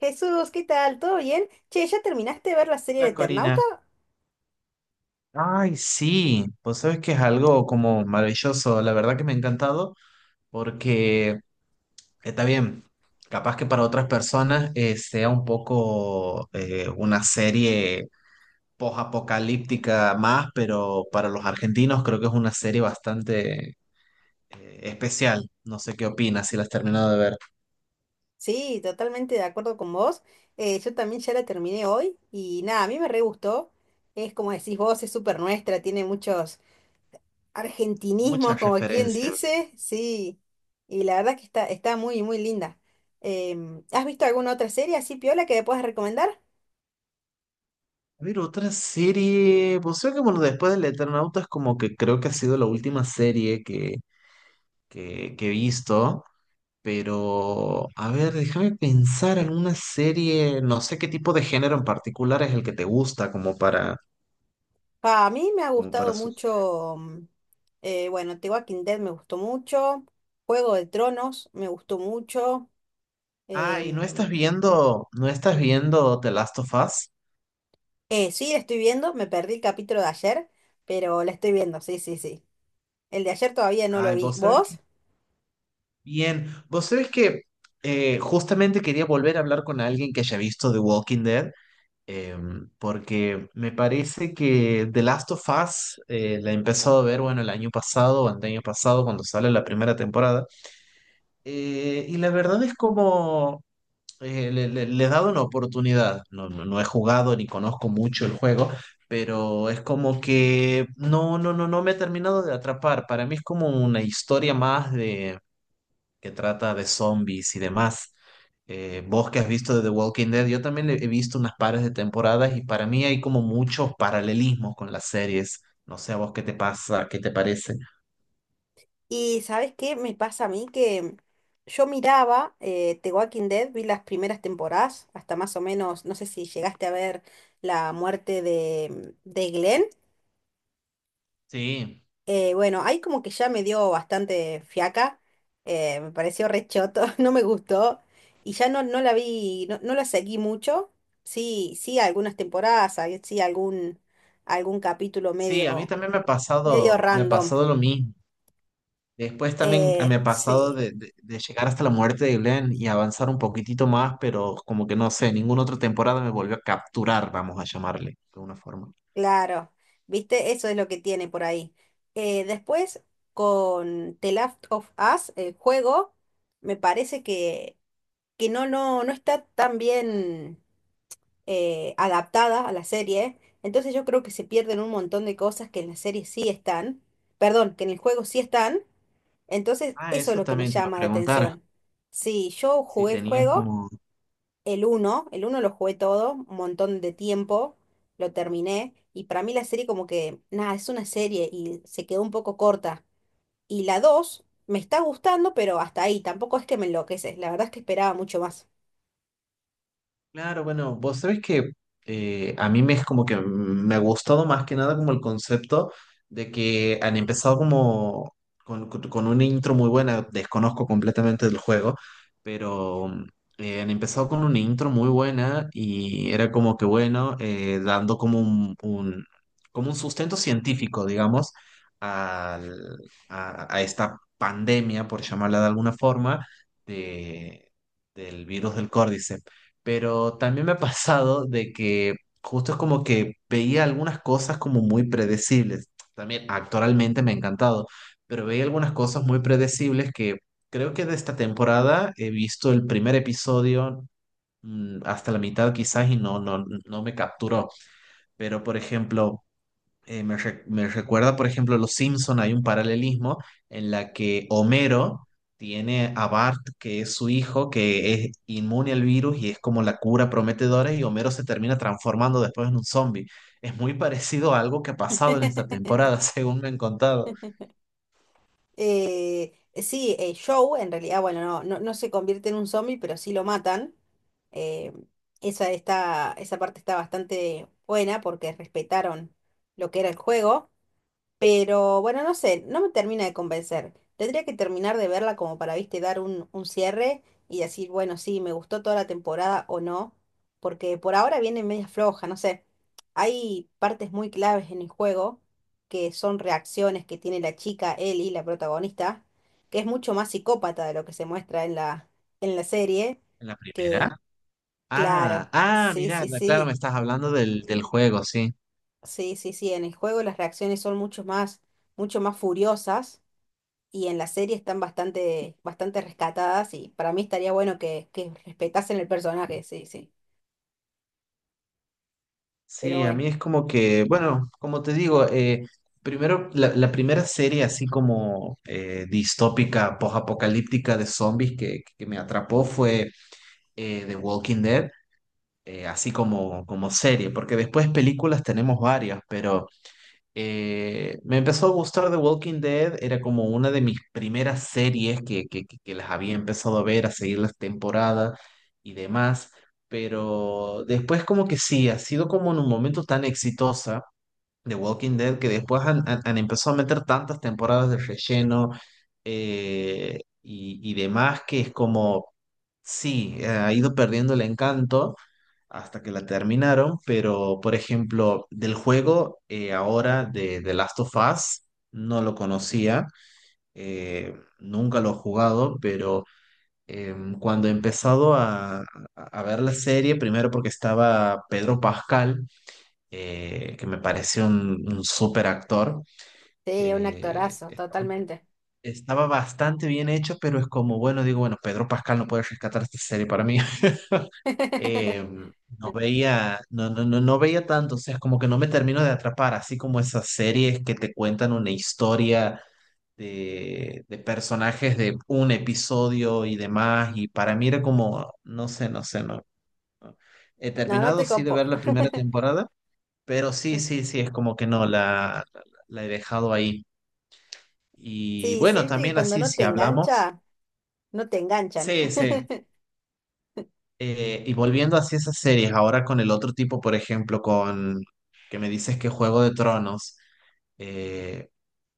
Jesús, ¿qué tal? ¿Todo bien? Che, ¿ya terminaste de ver la serie de La Eternauta? Corina. Ay, sí, vos sabés que es algo como maravilloso, la verdad que me ha encantado, porque está bien, capaz que para otras personas sea un poco una serie post-apocalíptica más, pero para los argentinos creo que es una serie bastante especial. No sé qué opinas si la has terminado de ver. Sí, totalmente de acuerdo con vos. Yo también ya la terminé hoy y nada, a mí me re gustó. Es como decís vos, es súper nuestra, tiene muchos argentinismos, Muchas como quien referencias. dice. Sí, y la verdad que está muy, muy linda. ¿Has visto alguna otra serie así, Piola, que me puedas recomendar? A ver, otra serie, vos sabés que bueno, después del Eternauta es como que creo que ha sido la última serie que he visto, pero a ver, déjame pensar alguna serie, no sé qué tipo de género en particular es el que te gusta como para, Pa, a mí me ha como para gustado sugerir. mucho, bueno, The Walking Dead me gustó mucho, Juego de Tronos me gustó mucho. Ah, y no Em, estás viendo, no estás viendo The Last of Us. Sí, la estoy viendo, me perdí el capítulo de ayer, pero la estoy viendo, sí, sí, sí. El de ayer todavía no lo Ay, vi. vos sabés que. ¿Vos? Bien, vos sabés que justamente quería volver a hablar con alguien que haya visto The Walking Dead. Porque me parece que The Last of Us la he empezado a ver, bueno, el año pasado o el año pasado cuando sale la primera temporada. Y la verdad es como le he dado una oportunidad. No, no, no he jugado ni conozco mucho el juego, pero es como que no, no me he terminado de atrapar. Para mí es como una historia más de que trata de zombies y demás. Vos que has visto de The Walking Dead, yo también he visto unas pares de temporadas y para mí hay como muchos paralelismos con las series. No sé a vos qué te pasa, qué te parece. Y ¿sabes qué me pasa a mí? Que yo miraba The Walking Dead, vi las primeras temporadas, hasta más o menos, no sé si llegaste a ver la muerte de Glenn. Sí, Bueno, ahí como que ya me dio bastante fiaca, me pareció re choto, no me gustó y ya no, no la vi, no, no la seguí mucho, sí, sí algunas temporadas, algún capítulo sí, a mí medio, también medio me ha random, pasado lo mismo. Después también ah, me ha pasado sí, de llegar hasta la muerte de Glenn y avanzar un poquitito más, pero como que no sé, ninguna otra temporada me volvió a capturar, vamos a llamarle, de alguna forma. claro, viste, eso es lo que tiene por ahí. Después con The Last of Us, el juego, me parece que, que no, no, no está tan bien adaptada a la serie. Entonces yo creo que se pierden un montón de cosas que en la serie sí están, perdón, que en el juego sí están. Entonces Ah, eso es eso lo que me también te iba a llama la preguntar, atención. Sí, yo si jugué el tenías juego, como el uno lo jugué todo, un montón de tiempo, lo terminé. Y para mí la serie como que, nada, es una serie y se quedó un poco corta. Y la 2 me está gustando, pero hasta ahí, tampoco es que me enloquece. La verdad es que esperaba mucho más. claro, bueno, vos sabés que a mí me es como que me ha gustado más que nada como el concepto de que han empezado como con una intro muy buena, desconozco completamente del juego, pero han empezado con una intro muy buena y era como que bueno, dando como como un sustento científico, digamos, al- a esta pandemia, por llamarla de alguna forma, de, del virus del Córdice, pero también me ha pasado de que justo es como que veía algunas cosas como muy predecibles. También actualmente me ha encantado, pero veía algunas cosas muy predecibles que creo que de esta temporada he visto el primer episodio hasta la mitad quizás y no, no me capturó. Pero por ejemplo me recuerda, por ejemplo, Los Simpson, hay un paralelismo en la que Homero tiene a Bart, que es su hijo, que es inmune al virus y es como la cura prometedora, y Homero se termina transformando después en un zombie. Es muy parecido a algo que ha pasado en esta temporada, según me han contado. Eh, sí, Joe, en realidad, bueno, no, no, no se convierte en un zombie, pero sí lo matan. Eh, Está, esa parte está bastante buena porque respetaron lo que era el juego. Pero bueno, no sé, no me termina de convencer. Tendría que terminar de verla como para, viste, dar un cierre y decir, bueno, sí, me gustó toda la temporada o no, porque por ahora viene media floja, no sé. Hay partes muy claves en el juego que son reacciones que tiene la chica Ellie, la protagonista, que es mucho más psicópata de lo que se muestra en en la serie, ¿En la que primera? claro, Ah, ah, sí, mira, sí, claro, me sí, estás hablando del juego, sí. sí, sí, sí, en el juego las reacciones son mucho más furiosas y en la serie están bastante rescatadas y para mí estaría bueno que respetasen el personaje, sí, sí. Pero Sí, a bueno, mí es como que, bueno, como te digo, primero, la primera serie así como distópica, post-apocalíptica de zombies que me atrapó fue The Walking Dead, así como, como serie, porque después películas tenemos varias, pero me empezó a gustar The Walking Dead, era como una de mis primeras series que las había empezado a ver, a seguir las temporadas y demás, pero después como que sí, ha sido como en un momento tan exitosa The Walking Dead que después han empezado a meter tantas temporadas de relleno y demás que es como, sí, ha ido perdiendo el encanto hasta que la terminaron, pero por ejemplo, del juego ahora de The Last of Us, no lo conocía, nunca lo he jugado, pero cuando he empezado a ver la serie, primero porque estaba Pedro Pascal, que me pareció un súper actor, sí, un eh, actorazo, totalmente. estaba bastante bien hecho, pero es como, bueno, digo, bueno, Pedro Pascal no puede rescatar esta serie para mí. Eh, no veía, no veía tanto, o sea, como que no me termino de atrapar, así como esas series que te cuentan una historia de personajes de un episodio y demás, y para mí era como, no sé, no sé, no. No. He No, no terminado te sí de ver copo. la primera temporada, pero sí, sí, sí, es como que no, la he dejado ahí. Y Sí, sí, bueno, viste que también cuando así no si te hablamos. engancha, no te enganchan. Sí, sí. Y volviendo hacia esas series, ahora con el otro tipo, por ejemplo, con que me dices que Juego de Tronos, eh,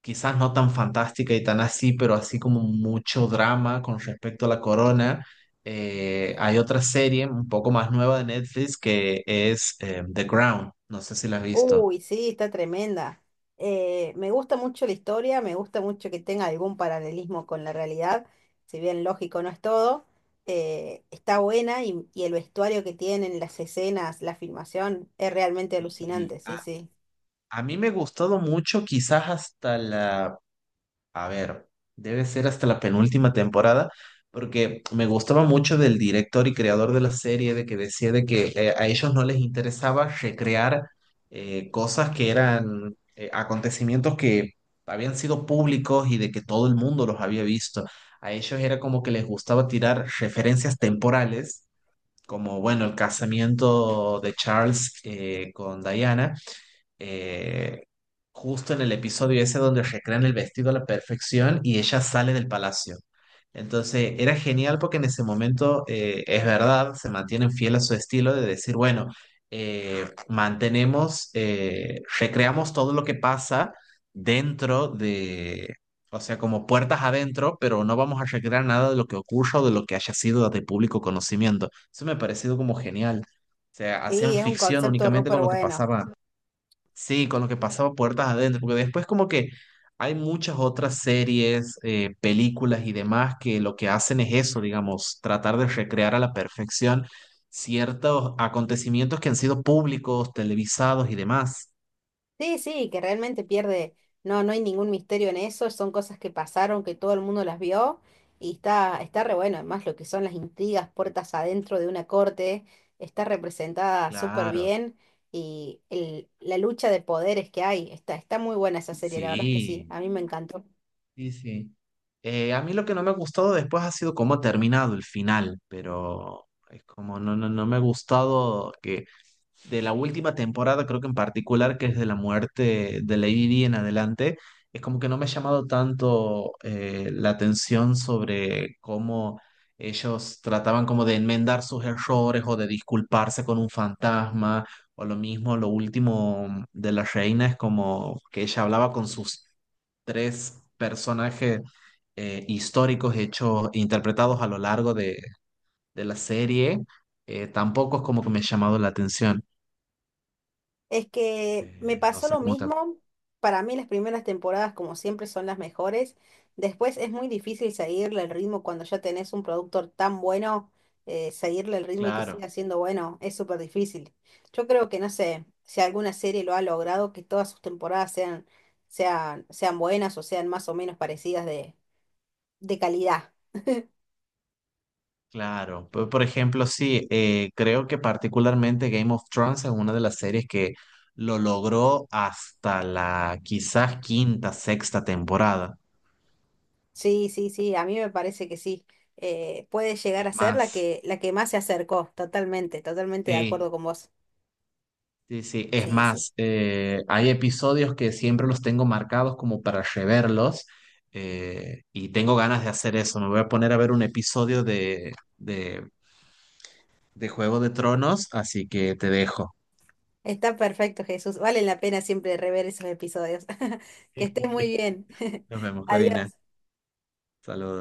quizás no tan fantástica y tan así, pero así como mucho drama con respecto a la corona. Eh, hay otra serie un poco más nueva de Netflix que es The Crown, no sé si la has visto. Uy, sí, está tremenda. Me gusta mucho la historia, me gusta mucho que tenga algún paralelismo con la realidad, si bien lógico no es todo. Está buena y el vestuario que tienen, las escenas, la filmación, es realmente Y alucinante, sí, sí. a mí me ha gustado mucho, quizás hasta la a ver, debe ser hasta la penúltima temporada, porque me gustaba mucho del director y creador de la serie, de que decía de que a ellos no les interesaba recrear cosas que eran acontecimientos que habían sido públicos y de que todo el mundo los había visto. A ellos era como que les gustaba tirar referencias temporales, como bueno, el casamiento de Charles con Diana, eh, justo en el episodio ese donde recrean el vestido a la perfección y ella sale del palacio. Entonces era genial porque en ese momento es verdad, se mantienen fiel a su estilo de decir, bueno, recreamos todo lo que pasa dentro de, o sea, como puertas adentro, pero no vamos a recrear nada de lo que ocurra o de lo que haya sido de público conocimiento. Eso me ha parecido como genial. O sea, hacían Sí, es un ficción concepto únicamente súper con lo que bueno. pasaba sí, con lo que pasaba puertas adentro, porque después como que hay muchas otras series, películas y demás que lo que hacen es eso, digamos, tratar de recrear a la perfección ciertos acontecimientos que han sido públicos, televisados y demás. Sí, sí, que realmente pierde, no, no hay ningún misterio en eso, son cosas que pasaron, que todo el mundo las vio y está, está re bueno, además lo que son las intrigas, puertas adentro de una corte, está representada súper Claro, bien y la lucha de poderes que hay, está, está muy buena esa serie, la verdad es que sí, sí, a mí me encantó. sí, sí. A mí lo que no me ha gustado después ha sido cómo ha terminado el final, pero es como no, no me ha gustado que de la última temporada, creo que en particular, que es de la muerte de Lady Di en adelante, es como que no me ha llamado tanto la atención sobre cómo ellos trataban como de enmendar sus errores o de disculparse con un fantasma, o lo mismo, lo último de la reina es como que ella hablaba con sus tres personajes históricos hechos, interpretados a lo largo de la serie. Tampoco es como que me ha llamado la atención. Es que me No pasó sé lo cómo te... mismo. Para mí las primeras temporadas, como siempre, son las mejores. Después es muy difícil seguirle el ritmo cuando ya tenés un productor tan bueno, seguirle el ritmo y que Claro, siga siendo bueno, es súper difícil. Yo creo que, no sé, si alguna serie lo ha logrado, que todas sus temporadas sean, sean buenas o sean más o menos parecidas de calidad. claro. Por ejemplo, sí, creo que particularmente Game of Thrones es una de las series que lo logró hasta la quizás quinta, sexta temporada. Sí, sí, sí, a mí me parece que sí. Puede llegar Es a ser más, la que más se acercó, totalmente, totalmente de sí, acuerdo con vos. sí, sí. Es Sí, sí. más, hay episodios que siempre los tengo marcados como para reverlos y tengo ganas de hacer eso. Me voy a poner a ver un episodio de Juego de Tronos, así que te dejo. Está perfecto, Jesús. Vale la pena siempre rever esos episodios. Que estés muy bien. Nos vemos, Corina. Adiós. Saludos.